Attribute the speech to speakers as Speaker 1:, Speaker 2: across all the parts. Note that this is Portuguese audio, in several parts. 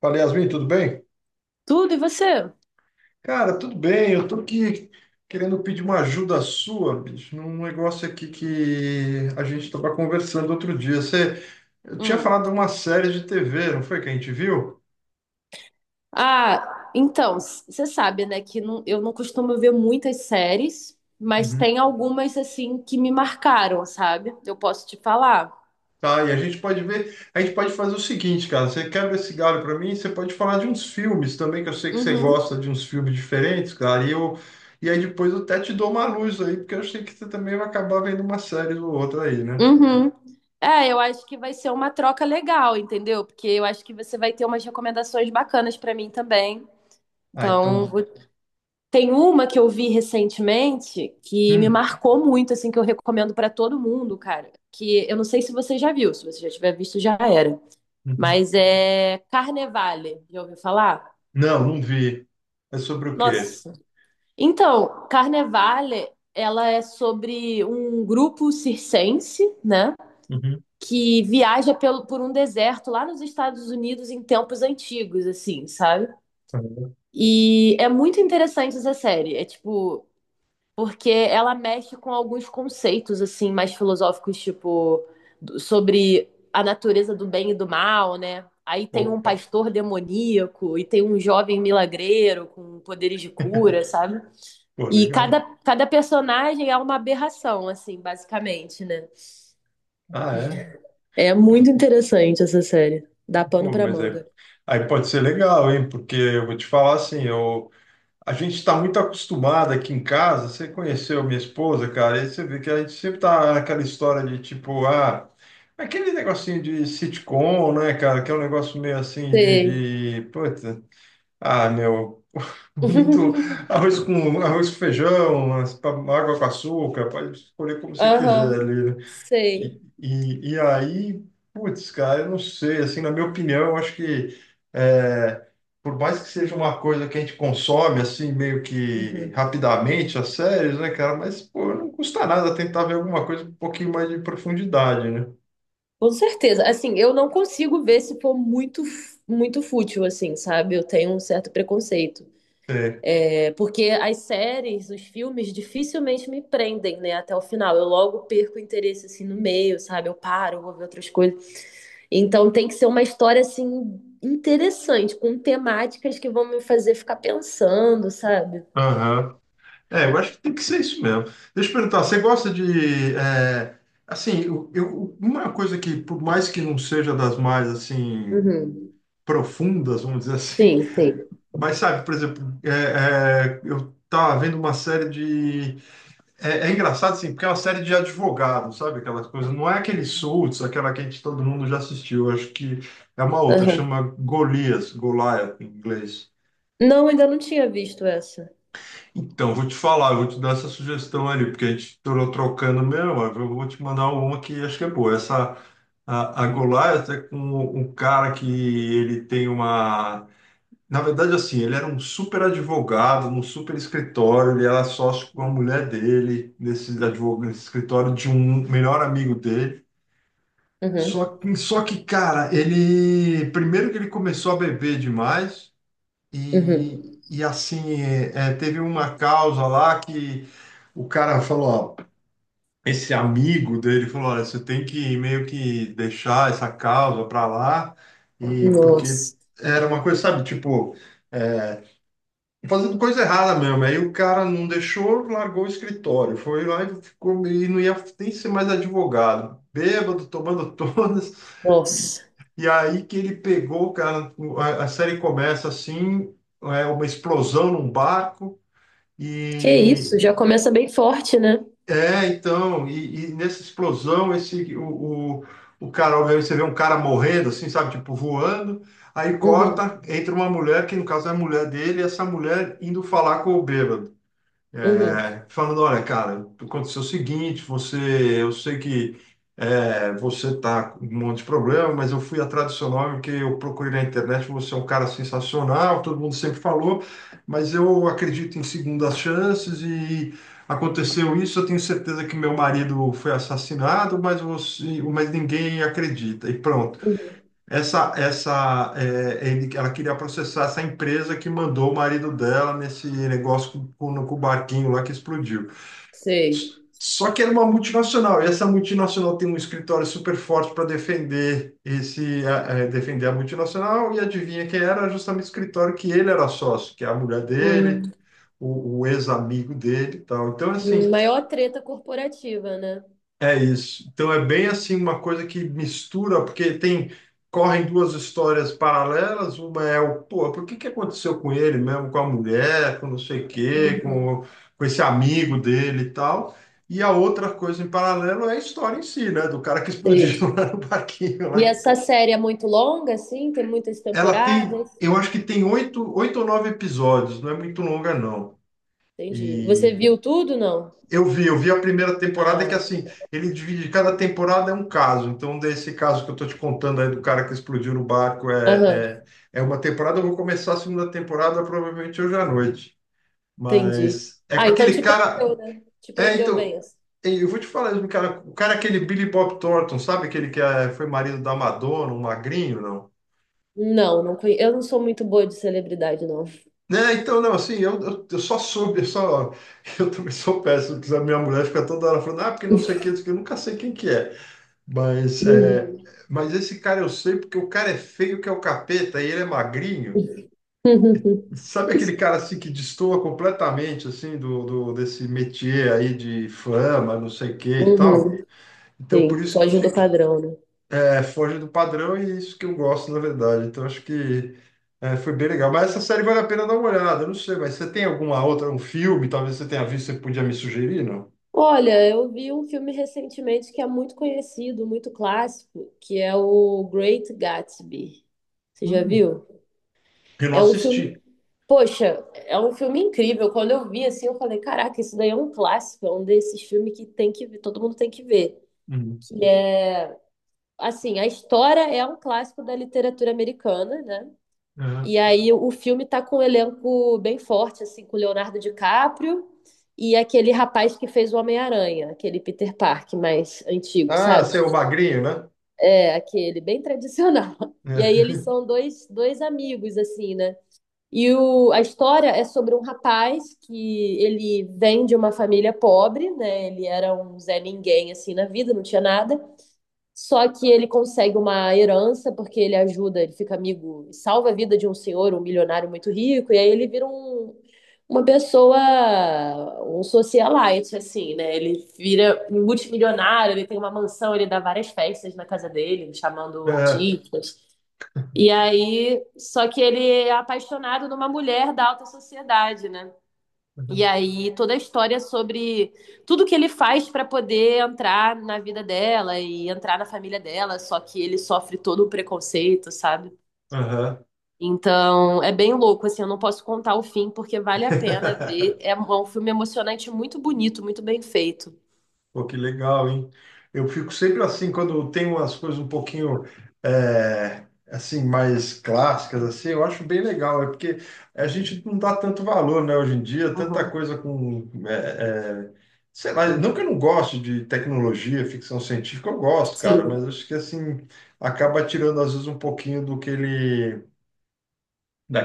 Speaker 1: Fala, Yasmin, tudo bem?
Speaker 2: Tudo, e você?
Speaker 1: Cara, tudo bem. Eu tô aqui querendo pedir uma ajuda sua, bicho, num negócio aqui que a gente estava conversando outro dia. Eu tinha
Speaker 2: Hum.
Speaker 1: falado de uma série de TV, não foi que a gente viu?
Speaker 2: Ah, então, você sabe, né, que eu não costumo ver muitas séries, mas
Speaker 1: Uhum.
Speaker 2: tem algumas, assim, que me marcaram, sabe? Eu posso te falar.
Speaker 1: Tá, e a gente pode fazer o seguinte, cara, você quebra esse galho para mim, você pode falar de uns filmes também, que eu sei que você
Speaker 2: Uhum,
Speaker 1: gosta de uns filmes diferentes, cara, e aí depois eu até te dou uma luz aí, porque eu sei que você também vai acabar vendo uma série ou outra aí, né?
Speaker 2: uhum. É, eu acho que vai ser uma troca legal, entendeu? Porque eu acho que você vai ter umas recomendações bacanas pra mim também.
Speaker 1: Ah,
Speaker 2: Então,
Speaker 1: então.
Speaker 2: tem uma que eu vi recentemente que me
Speaker 1: Hum,
Speaker 2: marcou muito, assim, que eu recomendo pra todo mundo, cara. Que eu não sei se você já viu, se você já tiver visto, já era.
Speaker 1: uhum.
Speaker 2: Mas é Carnevale, já ouviu falar?
Speaker 1: Não, não vi. É sobre o quê?
Speaker 2: Nossa. Então, Carnevale, ela é sobre um grupo circense, né?
Speaker 1: Uhum.
Speaker 2: Que viaja por um deserto lá nos Estados Unidos em tempos antigos, assim, sabe?
Speaker 1: Uhum.
Speaker 2: E é muito interessante essa série. É tipo, porque ela mexe com alguns conceitos assim mais filosóficos, tipo sobre a natureza do bem e do mal, né? Aí tem um
Speaker 1: Opa,
Speaker 2: pastor demoníaco e tem um jovem milagreiro com poderes de cura, sabe?
Speaker 1: pô,
Speaker 2: E cada,
Speaker 1: legal.
Speaker 2: cada personagem é uma aberração, assim, basicamente, né?
Speaker 1: Ah, é?
Speaker 2: É muito
Speaker 1: Pô,
Speaker 2: interessante essa série. Dá pano
Speaker 1: pô,
Speaker 2: pra manga.
Speaker 1: aí pode ser legal, hein? Porque eu vou te falar assim, a gente está muito acostumado aqui em casa, você conheceu minha esposa, cara, e você vê que a gente sempre tá naquela história de tipo, ah, aquele negocinho de sitcom, né, cara, que é um negócio meio assim
Speaker 2: Sei.
Speaker 1: Puta, ah, meu. Muito arroz com feijão, umas água com açúcar, pode escolher como você quiser
Speaker 2: Aham,
Speaker 1: ali. Né? E,
Speaker 2: sei.
Speaker 1: e, e aí, putz, cara, eu não sei, assim, na minha opinião, eu acho que é, por mais que seja uma coisa que a gente consome, assim, meio que
Speaker 2: Uhum.
Speaker 1: rapidamente, as séries, né, cara, mas, pô, não custa nada tentar ver alguma coisa com um pouquinho mais de profundidade, né?
Speaker 2: Com certeza. Assim, eu não consigo ver se for muito, muito fútil, assim, sabe? Eu tenho um certo preconceito.
Speaker 1: É.
Speaker 2: É, porque as séries, os filmes, dificilmente me prendem, né, até o final. Eu logo perco o interesse, assim, no meio, sabe? Eu paro, vou ver outras coisas. Então tem que ser uma história, assim, interessante, com temáticas que vão me fazer ficar pensando, sabe?
Speaker 1: Aham. É, eu acho que tem que ser isso mesmo. Deixa eu perguntar, você gosta de, assim, uma coisa que, por mais que não seja das mais, assim,
Speaker 2: Uhum.
Speaker 1: profundas, vamos dizer assim,
Speaker 2: Sim, sim.
Speaker 1: mas sabe, por exemplo, eu tava vendo é engraçado, assim, porque é uma série de advogados, sabe, aquelas coisas, não é aquele Suits, aquela que todo mundo já assistiu, eu acho que é uma outra,
Speaker 2: Aham.
Speaker 1: chama Golias, Goliath, em inglês.
Speaker 2: Não, ainda não tinha visto essa.
Speaker 1: Então, vou te falar, eu vou te dar essa sugestão ali, porque a gente torou trocando mesmo, eu vou te mandar uma que acho que é boa. A Goliath é com um cara que ele tem uma... Na verdade, assim, ele era um super advogado, num super escritório, ele era sócio com a mulher dele, nesse escritório de um melhor amigo dele.
Speaker 2: Uhum.
Speaker 1: Só que, cara, Primeiro que ele começou a beber demais...
Speaker 2: Uhum.
Speaker 1: E assim, teve uma causa lá que o cara falou, ó, esse amigo dele falou, olha, você tem que meio que deixar essa causa para lá, e porque
Speaker 2: Nossa.
Speaker 1: era uma coisa, sabe, tipo, é, fazendo coisa errada mesmo. Aí o cara não deixou, largou o escritório. Foi lá e ficou e não ia nem ser mais advogado. Bêbado, tomando todas. E,
Speaker 2: Nossa,
Speaker 1: e aí que ele pegou, cara, a série começa assim, é uma explosão num barco.
Speaker 2: que
Speaker 1: E
Speaker 2: isso? Já começa bem forte, né?
Speaker 1: é, então, nessa explosão, o cara, obviamente, você vê um cara morrendo, assim, sabe, tipo voando. Aí
Speaker 2: Uhum,
Speaker 1: corta, entra uma mulher, que no caso é a mulher dele, e essa mulher indo falar com o bêbado.
Speaker 2: uhum,
Speaker 1: É, falando, olha, cara, aconteceu o seguinte, eu sei que você tá com um monte de problema, mas eu fui atrás do seu nome porque eu procurei na internet, você é um cara sensacional, todo mundo sempre falou, mas eu acredito em segundas chances e aconteceu isso, eu tenho certeza que meu marido foi assassinado, mas você, mas ninguém acredita. E pronto.
Speaker 2: uhum.
Speaker 1: Ela queria processar essa empresa que mandou o marido dela nesse negócio com o barquinho lá que explodiu.
Speaker 2: Sei.
Speaker 1: Só que era uma multinacional, e essa multinacional tem um escritório super forte para defender defender a multinacional, e adivinha quem era? Justamente o escritório que ele era sócio, que é a mulher dele,
Speaker 2: Hum,
Speaker 1: o ex-amigo dele e tal. Então, assim,
Speaker 2: maior treta corporativa, né?
Speaker 1: é isso. Então é bem assim uma coisa que mistura, porque tem correm duas histórias paralelas, uma é pô, por que que aconteceu com ele mesmo, com a mulher, com não sei o quê,
Speaker 2: Uhum,
Speaker 1: com esse amigo dele e tal. E a outra coisa em paralelo é a história em si, né, do cara que explodiu
Speaker 2: sei.
Speaker 1: lá no parquinho
Speaker 2: E
Speaker 1: lá.
Speaker 2: essa série é muito longa, assim? Tem muitas
Speaker 1: Ela tem,
Speaker 2: temporadas?
Speaker 1: eu acho que tem oito ou nove episódios, não é muito longa não.
Speaker 2: Entendi. Você
Speaker 1: E
Speaker 2: viu tudo, não?
Speaker 1: eu vi a primeira temporada que
Speaker 2: Ah,
Speaker 1: assim, ele divide, cada temporada é um caso. Então, desse caso que eu tô te contando aí do cara que explodiu no barco
Speaker 2: aham,
Speaker 1: é uma temporada, eu vou começar a segunda temporada provavelmente hoje à noite.
Speaker 2: entendi.
Speaker 1: Mas é com
Speaker 2: Ah, então
Speaker 1: aquele
Speaker 2: te prendeu,
Speaker 1: cara.
Speaker 2: né? Te
Speaker 1: É,
Speaker 2: prendeu bem.
Speaker 1: então,
Speaker 2: Assim.
Speaker 1: eu vou te falar isso, cara. O cara é aquele Billy Bob Thornton, sabe aquele que é- foi marido da Madonna, um magrinho, não?
Speaker 2: Não, não eu não sou muito boa de celebridade, não.
Speaker 1: Né, então, não, assim, eu só soube, eu também sou péssimo, porque a minha mulher fica toda hora falando, ah, porque não sei quem, não sei quem", eu nunca sei quem que é. Mas, é,
Speaker 2: Uhum.
Speaker 1: mas esse cara eu sei porque o cara é feio que é o capeta e ele é magrinho. Sabe aquele cara assim que destoa completamente assim desse métier aí de fama, não sei o que e tal?
Speaker 2: Uhum.
Speaker 1: Então por
Speaker 2: Sim,
Speaker 1: isso que
Speaker 2: foge do
Speaker 1: fica,
Speaker 2: padrão, né?
Speaker 1: foge do padrão e é isso que eu gosto na verdade. Então acho que foi bem legal. Mas essa série vale a pena dar uma olhada. Não sei, mas você tem alguma outra, um filme? Talvez você tenha visto, você podia me sugerir, não?
Speaker 2: Olha, eu vi um filme recentemente que é muito conhecido, muito clássico, que é o Great Gatsby. Você já
Speaker 1: Hum.
Speaker 2: viu?
Speaker 1: Eu não
Speaker 2: É um filme,
Speaker 1: assisti.
Speaker 2: poxa, é um filme incrível. Quando eu vi assim, eu falei, caraca, isso daí é um clássico, é um desses filmes que tem que ver, todo mundo tem que ver.
Speaker 1: Hum.
Speaker 2: Que é, assim, a história é um clássico da literatura americana, né?
Speaker 1: Uhum.
Speaker 2: E aí o filme tá com um elenco bem forte, assim, com o Leonardo DiCaprio e aquele rapaz que fez o Homem-Aranha, aquele Peter Parker mais antigo,
Speaker 1: Ah,
Speaker 2: sabe?
Speaker 1: você é o magrinho, né?
Speaker 2: É, aquele bem tradicional. E aí eles
Speaker 1: É.
Speaker 2: são dois amigos, assim, né? E a história é sobre um rapaz que ele vem de uma família pobre, né? Ele era um Zé Ninguém, assim, na vida, não tinha nada. Só que ele consegue uma herança porque ele ajuda, ele fica amigo, salva a vida de um senhor, um milionário muito rico, e aí ele vira um, uma pessoa, um socialite, assim, né? Ele vira um multimilionário, ele tem uma mansão, ele dá várias festas na casa dele, chamando
Speaker 1: É,
Speaker 2: artistas. E aí, só que ele é apaixonado numa mulher da alta sociedade, né? E aí toda a história sobre tudo que ele faz para poder entrar na vida dela e entrar na família dela, só que ele sofre todo o preconceito, sabe?
Speaker 1: aham.
Speaker 2: Então é bem louco, assim, eu não posso contar o fim porque vale a pena ver. É um filme emocionante, muito bonito, muito bem feito.
Speaker 1: Pô, que legal, hein? Eu fico sempre assim, quando tem umas coisas um pouquinho, é, assim, mais clássicas, assim, eu acho bem legal. É porque a gente não dá tanto valor, né, hoje em dia, tanta
Speaker 2: Uhum.
Speaker 1: coisa com, sei lá, não que eu não goste de tecnologia, ficção científica, eu gosto,
Speaker 2: Sim,
Speaker 1: cara, mas acho que, assim, acaba tirando, às vezes, um pouquinho do que ele,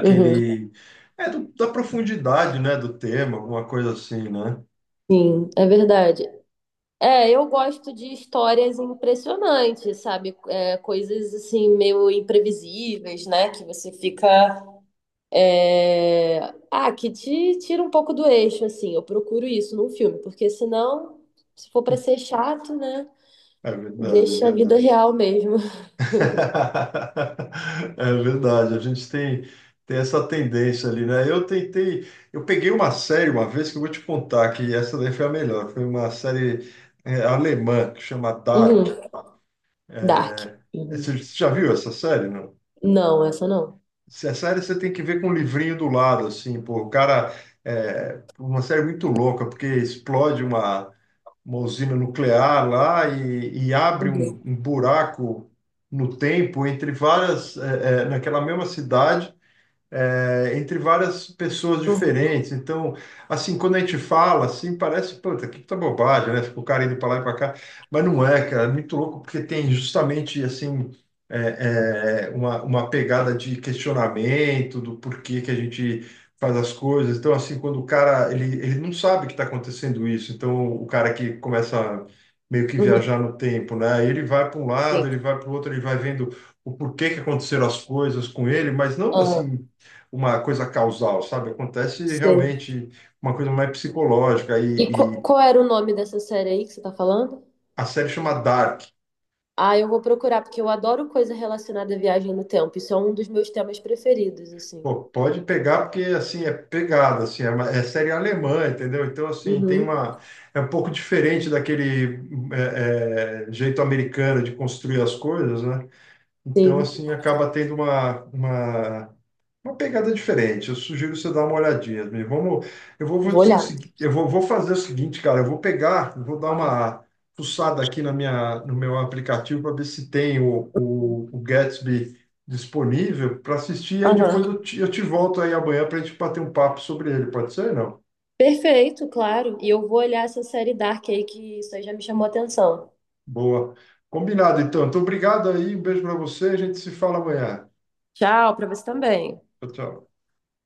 Speaker 2: uhum.
Speaker 1: da profundidade, né, do tema, alguma coisa assim, né?
Speaker 2: Sim, é verdade. É, eu gosto de histórias impressionantes, sabe? É, coisas assim meio imprevisíveis, né? Que você fica É, ah, que te tira um pouco do eixo, assim. Eu procuro isso num filme, porque senão, se for pra ser chato, né?
Speaker 1: É verdade, é
Speaker 2: Deixa a vida
Speaker 1: verdade.
Speaker 2: real mesmo.
Speaker 1: É verdade, a gente tem, essa tendência ali, né? Eu tentei, eu peguei uma série uma vez que eu vou te contar que essa daí foi a melhor. Foi uma série alemã que chama Dark.
Speaker 2: Uhum. Dark.
Speaker 1: É, você
Speaker 2: Uhum.
Speaker 1: já viu essa série, não?
Speaker 2: Não, essa não.
Speaker 1: Se a série você tem que ver com um livrinho do lado, assim, pô, o cara é uma série muito louca, porque explode uma usina nuclear lá e abre
Speaker 2: Uhum.
Speaker 1: um buraco no tempo entre várias, naquela mesma cidade entre várias pessoas
Speaker 2: Uhum.
Speaker 1: diferentes. Então, assim, quando a gente fala, assim, parece, puta, que puta bobagem, né? Fica o cara indo para lá e para cá. Mas não é, cara, é muito louco, porque tem justamente, assim, uma pegada de questionamento do porquê que a gente faz as coisas. Então, assim, quando o cara, ele não sabe que está acontecendo isso. Então, o cara que começa... meio que
Speaker 2: Uhum.
Speaker 1: viajar no tempo, né? Ele vai para um lado,
Speaker 2: Sim.
Speaker 1: ele vai para o outro, ele vai vendo o porquê que aconteceram as coisas com ele, mas não
Speaker 2: Ah,
Speaker 1: assim uma coisa causal, sabe? Acontece
Speaker 2: sei.
Speaker 1: realmente uma coisa mais psicológica
Speaker 2: E qual era o nome dessa série aí que você tá falando?
Speaker 1: a série chama Dark.
Speaker 2: Ah, eu vou procurar, porque eu adoro coisa relacionada à viagem no tempo. Isso é um dos meus temas preferidos, assim.
Speaker 1: Pô, pode pegar porque assim é pegada, assim é, uma- é série alemã, entendeu? Então assim tem
Speaker 2: Uhum.
Speaker 1: uma é um pouco diferente daquele jeito americano de construir as coisas, né? Então
Speaker 2: Sim,
Speaker 1: assim acaba tendo uma pegada diferente. Eu sugiro você dar uma olhadinha, mesmo.
Speaker 2: vou olhar.
Speaker 1: Eu vou fazer o seguinte, cara. Eu vou pegar, eu vou dar uma fuçada aqui no meu aplicativo para ver se tem o Gatsby disponível para assistir. E aí depois
Speaker 2: Aham.
Speaker 1: eu te volto aí amanhã para a gente bater um papo sobre ele. Pode ser? Não?
Speaker 2: Perfeito, claro. E eu vou olhar essa série Dark aí, que isso aí já me chamou a atenção.
Speaker 1: Boa. Combinado, então. Então, obrigado aí. Um beijo para você. A gente se fala amanhã.
Speaker 2: Tchau, pra você também.
Speaker 1: Tchau, tchau.